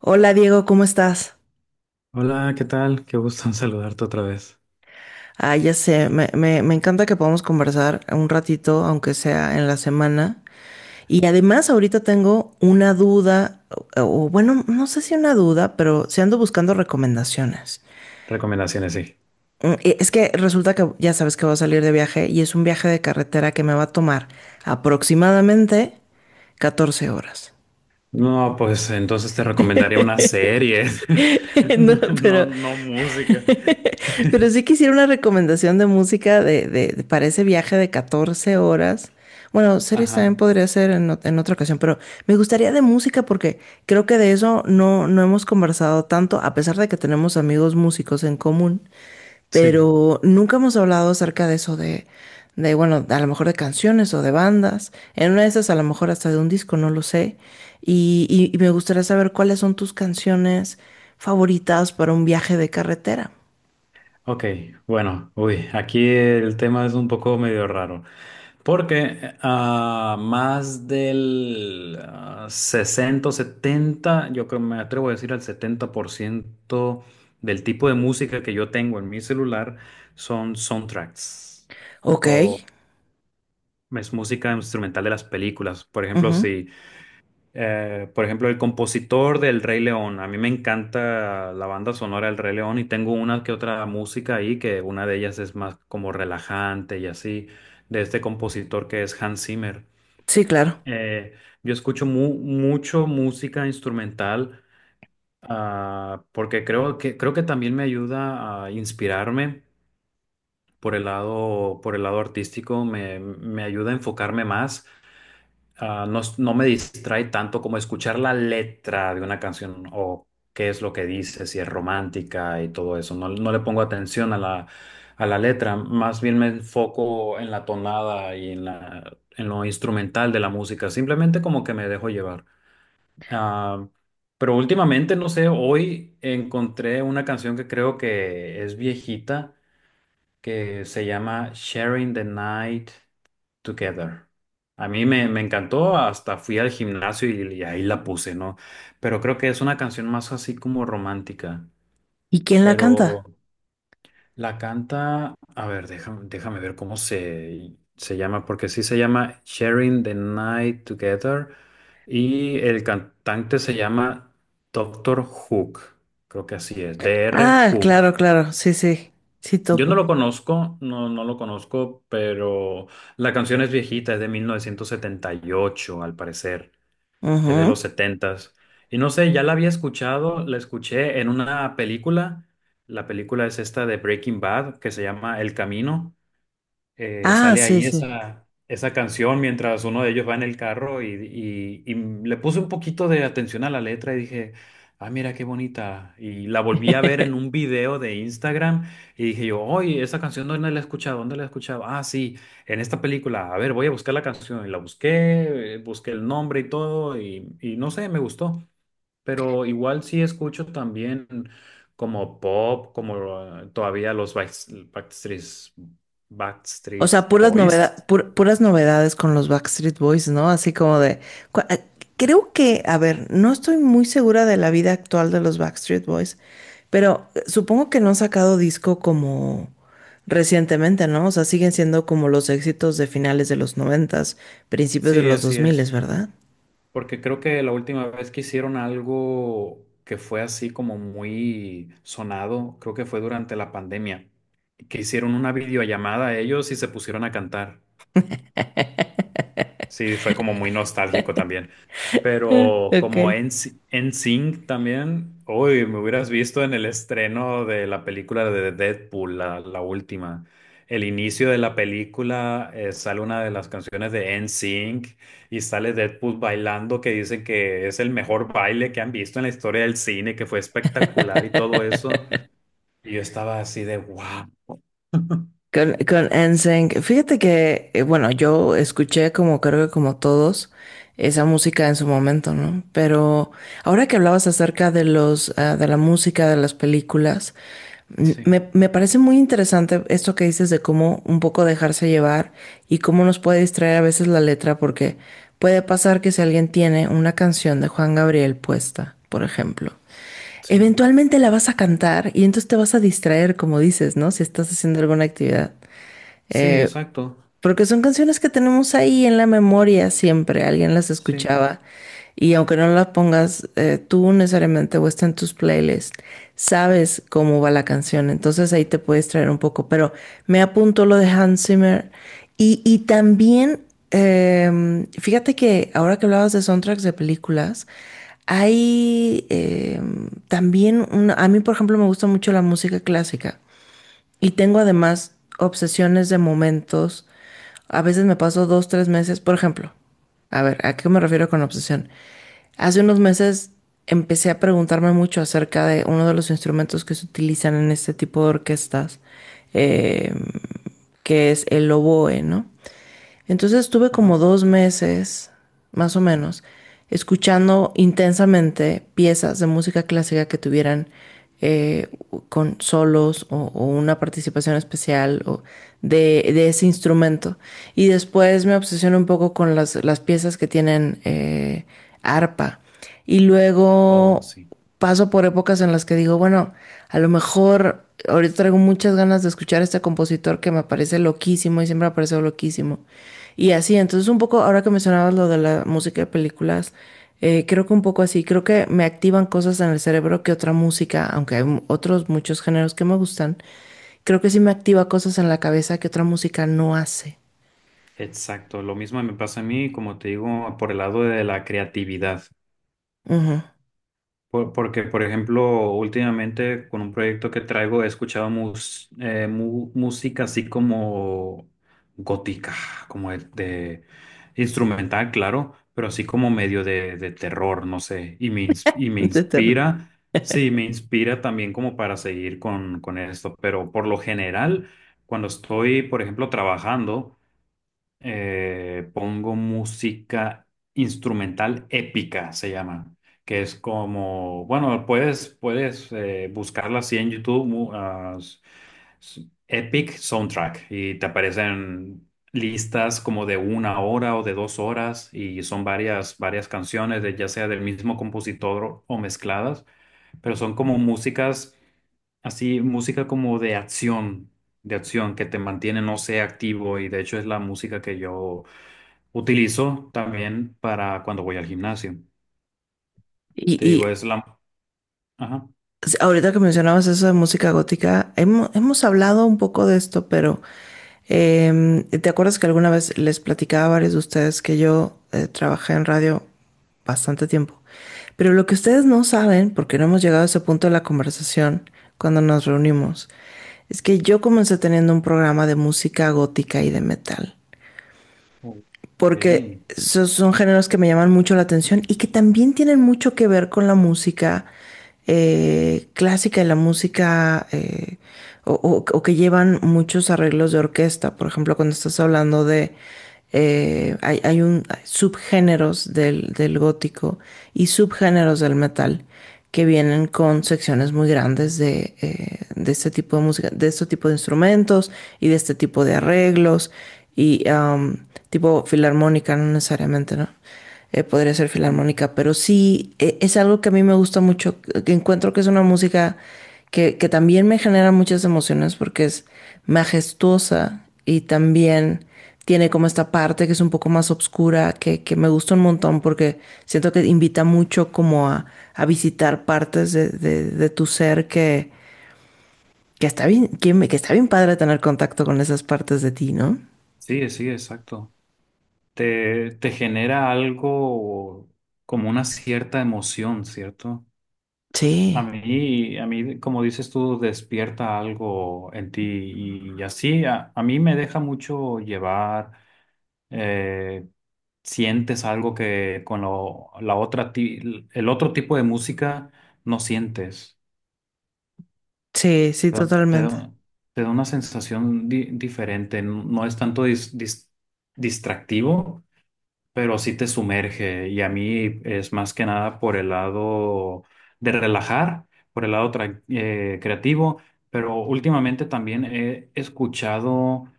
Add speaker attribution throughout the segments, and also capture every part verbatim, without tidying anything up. Speaker 1: Hola Diego, ¿cómo estás?
Speaker 2: Hola, ¿qué tal? Qué gusto en saludarte otra vez.
Speaker 1: Ah, ya sé, me, me- me encanta que podamos conversar un ratito, aunque sea en la semana. Y además ahorita tengo una duda, o, o bueno, no sé si una duda, pero sí ando buscando recomendaciones.
Speaker 2: Recomendaciones, sí.
Speaker 1: Mm, e- Es que resulta que ya sabes que voy a salir de viaje y es un viaje de carretera que me va a tomar aproximadamente catorce horas.
Speaker 2: No, pues entonces te recomendaría una serie,
Speaker 1: No,
Speaker 2: no,
Speaker 1: pero
Speaker 2: no música.
Speaker 1: Pero sí quisiera una recomendación de música de, de- de- para ese viaje de catorce horas. Bueno, series también
Speaker 2: Ajá,
Speaker 1: podría ser en, ot- en otra ocasión, pero me gustaría de música porque creo que de eso no, no hemos conversado tanto, a pesar de que tenemos amigos músicos en común,
Speaker 2: sí.
Speaker 1: pero nunca hemos hablado acerca de eso de, de, bueno, a lo mejor de canciones o de bandas. En una de esas a lo mejor hasta de un disco, no lo sé. Y, y y me gustaría saber cuáles son tus canciones favoritas para un viaje de carretera.
Speaker 2: Ok, bueno, uy, aquí el tema es un poco medio raro. Porque ah, más del ah, sesenta o setenta, yo creo me atrevo a decir al setenta por ciento del tipo de música que yo tengo en mi celular son soundtracks
Speaker 1: Ok.
Speaker 2: o es música instrumental de las películas. Por ejemplo,
Speaker 1: Ujú.
Speaker 2: si, eh, por ejemplo, el compositor del Rey León. A mí me encanta la banda sonora del Rey León y tengo una que otra música ahí, que una de ellas es más como relajante y así, de este compositor que es Hans Zimmer.
Speaker 1: Sí, claro.
Speaker 2: Eh, yo escucho mu- mucho música instrumental ah, porque creo que, creo que también me ayuda a inspirarme por el lado, por el lado artístico, me, me ayuda a enfocarme más ah, No, es- no me distrae tanto como escuchar la letra de una canción o qué es lo que dice, si es romántica y todo eso. No, no le pongo atención a la, a la letra, más bien me enfoco en la tonada y en la, en lo instrumental de la música, simplemente como que me dejo llevar. Ah, pero últimamente, no sé, hoy encontré una canción que creo que es viejita, que se llama Sharing the Night. Together. A mí me, me encantó, hasta fui al gimnasio y, y ahí la puse, ¿no? Pero creo que es una canción más así como romántica.
Speaker 1: ¿Y quién la
Speaker 2: Pero
Speaker 1: canta?
Speaker 2: la canta, a ver, déjame, déjame ver cómo se, se llama, porque sí se llama Sharing the Night Together y el cantante se llama Doctor Hook, creo que así es, doctor
Speaker 1: Ah, claro,
Speaker 2: Hook.
Speaker 1: claro. Sí, sí. Sí,
Speaker 2: Yo no
Speaker 1: topo.
Speaker 2: lo conozco, no, no lo conozco, pero la canción es viejita, es de mil novecientos setenta y ocho, al parecer, es de los
Speaker 1: Ujú.
Speaker 2: setentas. Y no sé, ya la había escuchado, la escuché en una película, la película es esta de Breaking Bad, que se llama El Camino, eh,
Speaker 1: Ah,
Speaker 2: sale
Speaker 1: sí,
Speaker 2: ahí
Speaker 1: sí.
Speaker 2: esa, esa canción mientras uno de ellos va en el carro y, y- y le puse un poquito de atención a la letra y dije, ah, mira qué bonita. Y la volví a ver en un video de Instagram y dije yo, oye, esa canción ¿dónde la he escuchado? ¿Dónde la he escuchado? Ah, sí, en esta película. A ver, voy a buscar la canción. Y la busqué, eh, busqué el nombre y todo y, y no sé, me gustó pero igual sí escucho también como pop, como ah, todavía los Backst- Backstreet,
Speaker 1: O
Speaker 2: Backstreet
Speaker 1: sea, puras
Speaker 2: Boys.
Speaker 1: novedad, pur- puras novedades con los Backstreet Boys, ¿no? Así como de. cu- ah, Creo que, a ver, no estoy muy segura de la vida actual de los Backstreet Boys, pero eh, supongo que no han sacado disco como recientemente, ¿no? O sea, siguen siendo como los éxitos de finales de los noventas, principios de
Speaker 2: Sí,
Speaker 1: los
Speaker 2: así
Speaker 1: dos
Speaker 2: es,
Speaker 1: miles, ¿verdad?
Speaker 2: porque creo que la última vez que hicieron algo que fue así como muy sonado, creo que fue durante la pandemia, que hicieron una videollamada a ellos y se pusieron a cantar. Sí, fue como muy nostálgico también. Pero
Speaker 1: Ok.
Speaker 2: como en NSYNC también, uy, me hubieras visto en el estreno de la película de Deadpool, la, la última. El inicio de la película eh, sale una de las canciones de NSYNC y sale Deadpool bailando que dicen que es el mejor baile que han visto en la historia del cine, que fue espectacular y todo eso. Y yo estaba así de wow.
Speaker 1: Con, con NSYNC, fíjate que, eh, bueno, yo escuché como creo que como todos esa música en su momento, ¿no? Pero ahora que hablabas acerca de los, ah, de la música, de las películas, mm,
Speaker 2: Sí,
Speaker 1: me, me parece muy interesante esto que dices de cómo un poco dejarse llevar y cómo nos puede distraer a veces la letra, porque puede pasar que si alguien tiene una canción de Juan Gabriel puesta, por ejemplo,
Speaker 2: sí,
Speaker 1: eventualmente la vas a cantar y entonces te vas a distraer, como dices, ¿no? Si estás haciendo alguna actividad.
Speaker 2: sí,
Speaker 1: Eh,
Speaker 2: exacto.
Speaker 1: Porque son canciones que tenemos ahí en la memoria siempre, alguien las
Speaker 2: Sí,
Speaker 1: escuchaba y aunque no las pongas eh, tú necesariamente o está en tus playlists, sabes cómo va la canción, entonces ahí te puedes traer un poco, pero me apunto lo de Hans Zimmer y, y también, em, fíjate que ahora que hablabas de soundtracks de películas, hay em, también, una- a mí por ejemplo me gusta mucho la música clásica. Y tengo además obsesiones de momentos. A veces me paso dos, tres meses, por ejemplo. A ver, ¿a qué me refiero con obsesión? Hace unos meses empecé a preguntarme mucho acerca de uno de los instrumentos que se utilizan en este tipo de orquestas, eh, que es el oboe, ¿no? Entonces estuve
Speaker 2: ajá.
Speaker 1: como dos meses, más o menos, escuchando intensamente piezas de música clásica que tuvieran eh, con solos o, o, una participación especial o de, de, ese instrumento. Y después me obsesioné un poco con las, las piezas que tienen eh, arpa. Y
Speaker 2: Oh,
Speaker 1: luego
Speaker 2: sí.
Speaker 1: paso por épocas en las que digo, bueno, a lo mejor ahorita traigo muchas ganas de escuchar a este compositor que me parece loquísimo y siempre me ha parecido loquísimo. Y así, entonces un poco, ahora que mencionabas lo de la música de películas, eh, creo que un poco así, creo que me activan cosas en el cerebro que otra música, aunque hay mu- otros muchos géneros que me gustan, creo que sí me activa cosas en la cabeza que otra música no hace.
Speaker 2: Exacto, lo mismo me pasa a mí, como te digo, por el lado de la creatividad.
Speaker 1: Ujú.
Speaker 2: Por- porque, por ejemplo, últimamente con un proyecto que traigo he escuchado mus- eh, mu- música así como gótica, como de, de instrumental, claro, pero así como medio de, de terror, no sé, y me, ins- y me
Speaker 1: De terror.
Speaker 2: inspira, sí, me inspira también como para seguir con, con esto, pero por lo general, cuando estoy, por ejemplo, trabajando, eh, pongo música instrumental épica, se llama, que es como, bueno, puedes, puedes eh, buscarla así en YouTube, mu- ah, s- s- Epic Soundtrack, y te aparecen listas como de una hora o de dos horas, y son varias, varias canciones, de, ya sea del mismo compositor o mezcladas, pero son como músicas. Así, música como de acción, de acción que te mantiene, no sé, activo y de hecho es la música que yo utilizo también para cuando voy al gimnasio. Te digo,
Speaker 1: Y,
Speaker 2: es la. Ajá.
Speaker 1: Sí, ahorita que mencionabas eso de música gótica, hemo- hemos, hablado un poco de esto, pero em, ¿te acuerdas que alguna vez les platicaba a varios de ustedes que yo eh, trabajé en radio bastante tiempo? Pero lo que ustedes no saben, porque no hemos llegado a ese punto de la conversación cuando nos reunimos, es que yo comencé teniendo un programa de música gótica y de metal
Speaker 2: Ok,
Speaker 1: porque
Speaker 2: sí.
Speaker 1: so- son géneros que me llaman mucho la atención y que también tienen mucho que ver con la música eh, clásica y la música eh, o, o- o que llevan muchos arreglos de orquesta. Por ejemplo, cuando estás hablando de eh, hay, hay un hay subgéneros del, del gótico y subgéneros del metal que vienen con secciones muy grandes de, eh, de este tipo de música, de este tipo de instrumentos y de este tipo de arreglos. Y am, tipo filarmónica, no necesariamente, ¿no? Eh, podría ser filarmónica, pero sí eh, es algo que a mí me gusta mucho, que encuentro que es una música que, que también me genera muchas emociones porque es majestuosa y también tiene como esta parte que es un poco más oscura, que, que me gusta un montón porque siento que invita mucho como a, a visitar partes de, de- de tu ser que, que está bien, que, que está bien padre tener contacto con esas partes de ti, ¿no?
Speaker 2: Sí, sí, exacto. Te, te genera algo como una cierta emoción, ¿cierto? A
Speaker 1: Sí.
Speaker 2: mí, a mí, como dices tú, despierta algo en ti y así a, a mí me deja mucho llevar eh, Sientes algo que con lo- la otra, ti- el otro tipo de música no sientes.
Speaker 1: Sí, sí,
Speaker 2: Te da, te
Speaker 1: totalmente.
Speaker 2: da- te da una sensación di- diferente. No es tanto dis- dis- distractivo, pero sí te sumerge. Y a mí es más que nada por el lado de relajar, por el lado tra- eh, creativo. Pero últimamente también he escuchado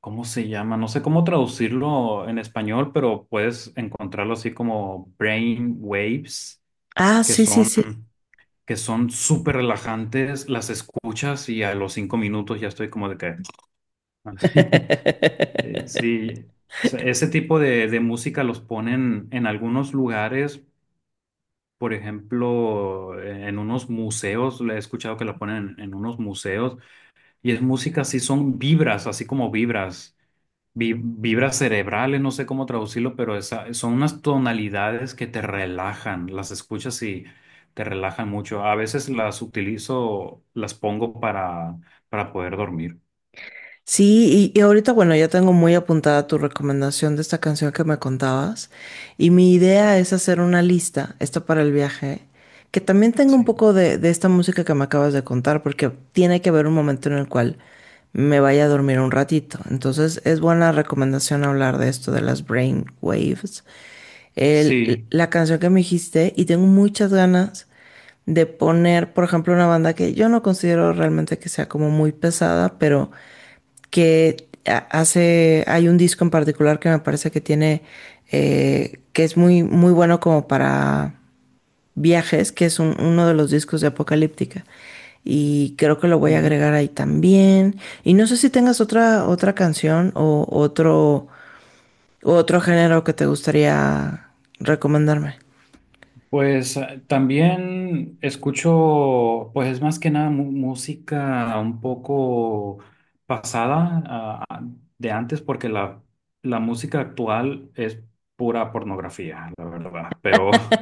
Speaker 2: ¿Cómo se llama? No sé cómo traducirlo en español, pero puedes encontrarlo así como brain waves,
Speaker 1: Ah, sí, sí, sí.
Speaker 2: mm, que son súper relajantes, las escuchas y a los cinco minutos ya estoy como de que. Eh, Sí, o sea, ese tipo de, de música los ponen en algunos lugares, por ejemplo, eh, en unos museos, le he escuchado que la ponen en, en unos museos, y es música así, son vibras, así como vibras, vi- vibras cerebrales, no sé cómo traducirlo, pero esa, son unas tonalidades que te relajan, las escuchas y te relajan mucho. A veces las utilizo, las pongo para, para poder dormir.
Speaker 1: Sí, y, y ahorita, bueno, ya tengo muy apuntada tu recomendación de esta canción que me contabas. Y mi idea es hacer una lista, esta para el viaje, que también tenga un
Speaker 2: Sí,
Speaker 1: poco de, de esta música que me acabas de contar, porque tiene que haber un momento en el cual me vaya a dormir un ratito. Entonces, es buena recomendación hablar de esto, de las brain waves. El-
Speaker 2: sí.
Speaker 1: la canción que me dijiste, y tengo muchas ganas de poner, por ejemplo, una banda que yo no considero realmente que sea como muy pesada, pero que hace, hay un disco en particular que me parece que tiene, eh, que es muy, muy bueno como para viajes, que es un- uno de los discos de Apocalíptica. Y creo que lo voy a
Speaker 2: Ujú.
Speaker 1: agregar ahí también. Y no sé si tengas otra, otra canción o otro, otro género que te gustaría recomendarme.
Speaker 2: Pues eh, también escucho, pues es más que nada mu- música un poco pasada, ah, ah, de antes, porque la, la música actual es pura pornografía, la verdad, pero.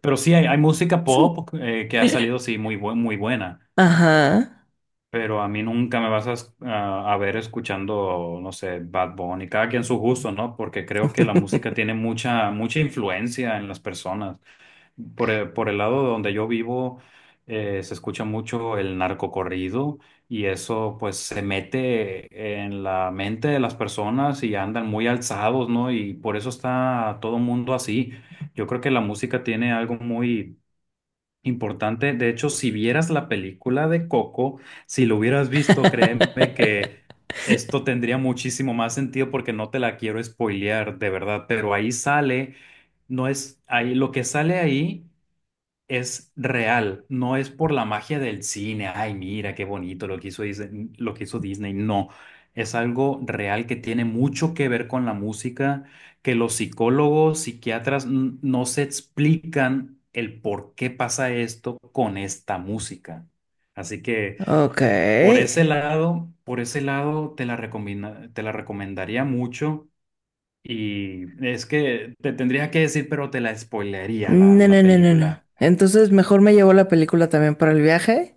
Speaker 2: Pero sí, hay, hay música
Speaker 1: Sí.
Speaker 2: pop eh, que ha salido, sí, muy, bu- muy buena.
Speaker 1: Ajá.
Speaker 2: Pero a mí nunca me vas a, es- a- a ver escuchando, no sé, Bad Bunny, cada quien su gusto, ¿no? Porque creo que la música tiene mucha, mucha influencia en las personas. Por el, por el lado donde yo vivo, eh, se escucha mucho el narcocorrido y eso pues se mete en la mente de las personas y andan muy alzados, ¿no? Y por eso está todo mundo así. Yo creo que la música tiene algo muy importante, de hecho, si vieras la película de Coco, si lo hubieras visto, créeme que esto tendría muchísimo más sentido porque no te la quiero spoilear, de verdad, pero ahí sale, no es, ahí lo que sale ahí es real, no es por la magia del cine, ay, mira qué bonito lo que hizo Disney, lo que hizo Disney, no, es algo real que tiene mucho que ver con la música, que los psicólogos, psiquiatras n- no se explican el por qué pasa esto con esta música. Así que
Speaker 1: Ok.
Speaker 2: por ese lado, por ese lado te la recomienda- te la recomendaría mucho y es que te tendría que decir, pero te la spoilearía la,
Speaker 1: No,
Speaker 2: la
Speaker 1: no, no, no, no.
Speaker 2: película.
Speaker 1: Entonces, mejor me llevo la película también para el viaje.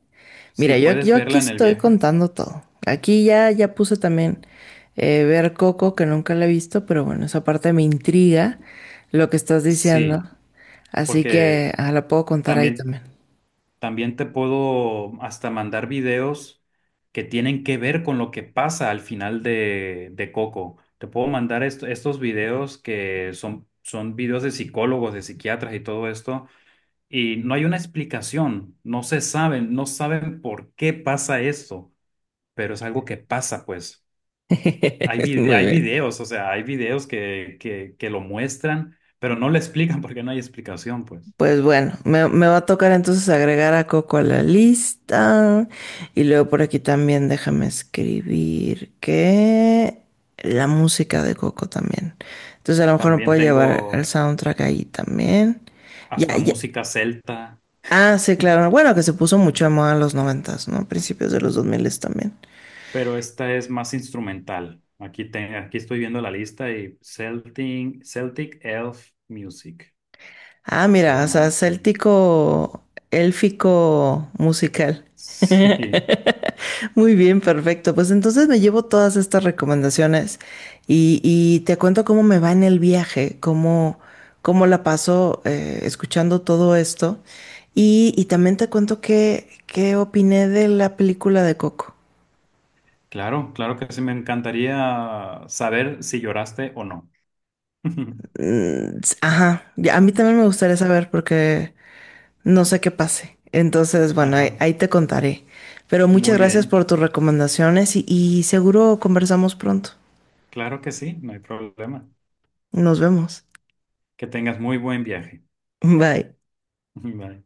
Speaker 2: Sí,
Speaker 1: Mira, yo,
Speaker 2: puedes
Speaker 1: yo aquí
Speaker 2: verla en el
Speaker 1: estoy
Speaker 2: viaje.
Speaker 1: contando todo. Aquí ya, ya puse también eh, ver Coco, que nunca la he visto, pero bueno, esa parte me intriga lo que estás diciendo.
Speaker 2: Sí,
Speaker 1: Así
Speaker 2: porque
Speaker 1: que ah, la puedo contar ahí
Speaker 2: también,
Speaker 1: también.
Speaker 2: también te puedo hasta mandar videos que tienen que ver con lo que pasa al final de, de Coco. Te puedo mandar est- estos videos que son, son videos de psicólogos, de psiquiatras y todo esto, y no hay una explicación, no se saben, no saben por qué pasa esto, pero es algo que pasa, pues. Hay, vide-
Speaker 1: Muy
Speaker 2: hay
Speaker 1: bien.
Speaker 2: videos, o sea, hay videos que, que, que lo muestran, pero no le explican porque no hay explicación, pues.
Speaker 1: Pues bueno, me, me va a tocar entonces agregar a Coco a la lista. Y luego por aquí también déjame escribir que la música de Coco también. Entonces a lo mejor me
Speaker 2: También
Speaker 1: puedo llevar el
Speaker 2: tengo
Speaker 1: soundtrack ahí también. Ya,
Speaker 2: hasta
Speaker 1: ya.
Speaker 2: música celta,
Speaker 1: Ah, sí, claro. Bueno, que se puso mucho de moda en los noventas, ¿no? Principios de los dos miles también.
Speaker 2: pero esta es más instrumental. Aquí, te- aquí estoy viendo la lista y Celtic, Celtic Elf Music
Speaker 1: Ah,
Speaker 2: se
Speaker 1: mira, o
Speaker 2: llama
Speaker 1: sea,
Speaker 2: esta.
Speaker 1: céltico, élfico musical.
Speaker 2: Sí,
Speaker 1: Muy bien, perfecto. Pues entonces me llevo todas estas recomendaciones y, y te cuento cómo me va en el viaje, cómo, cómo la paso eh, escuchando todo esto. Y, y también te cuento qué, qué opiné de la película de Coco.
Speaker 2: claro, claro que sí, me encantaría saber si lloraste o no.
Speaker 1: Mm, s- Ajá, ya, a mí también me gustaría saber porque no sé qué pase. Entonces, bueno, ahí,
Speaker 2: Ajá,
Speaker 1: ahí te contaré. Pero
Speaker 2: muy
Speaker 1: muchas gracias
Speaker 2: bien,
Speaker 1: por tus recomendaciones y, y seguro conversamos pronto.
Speaker 2: claro que sí, no hay problema.
Speaker 1: Nos vemos.
Speaker 2: Que tengas muy buen viaje.
Speaker 1: Bye.
Speaker 2: Bye.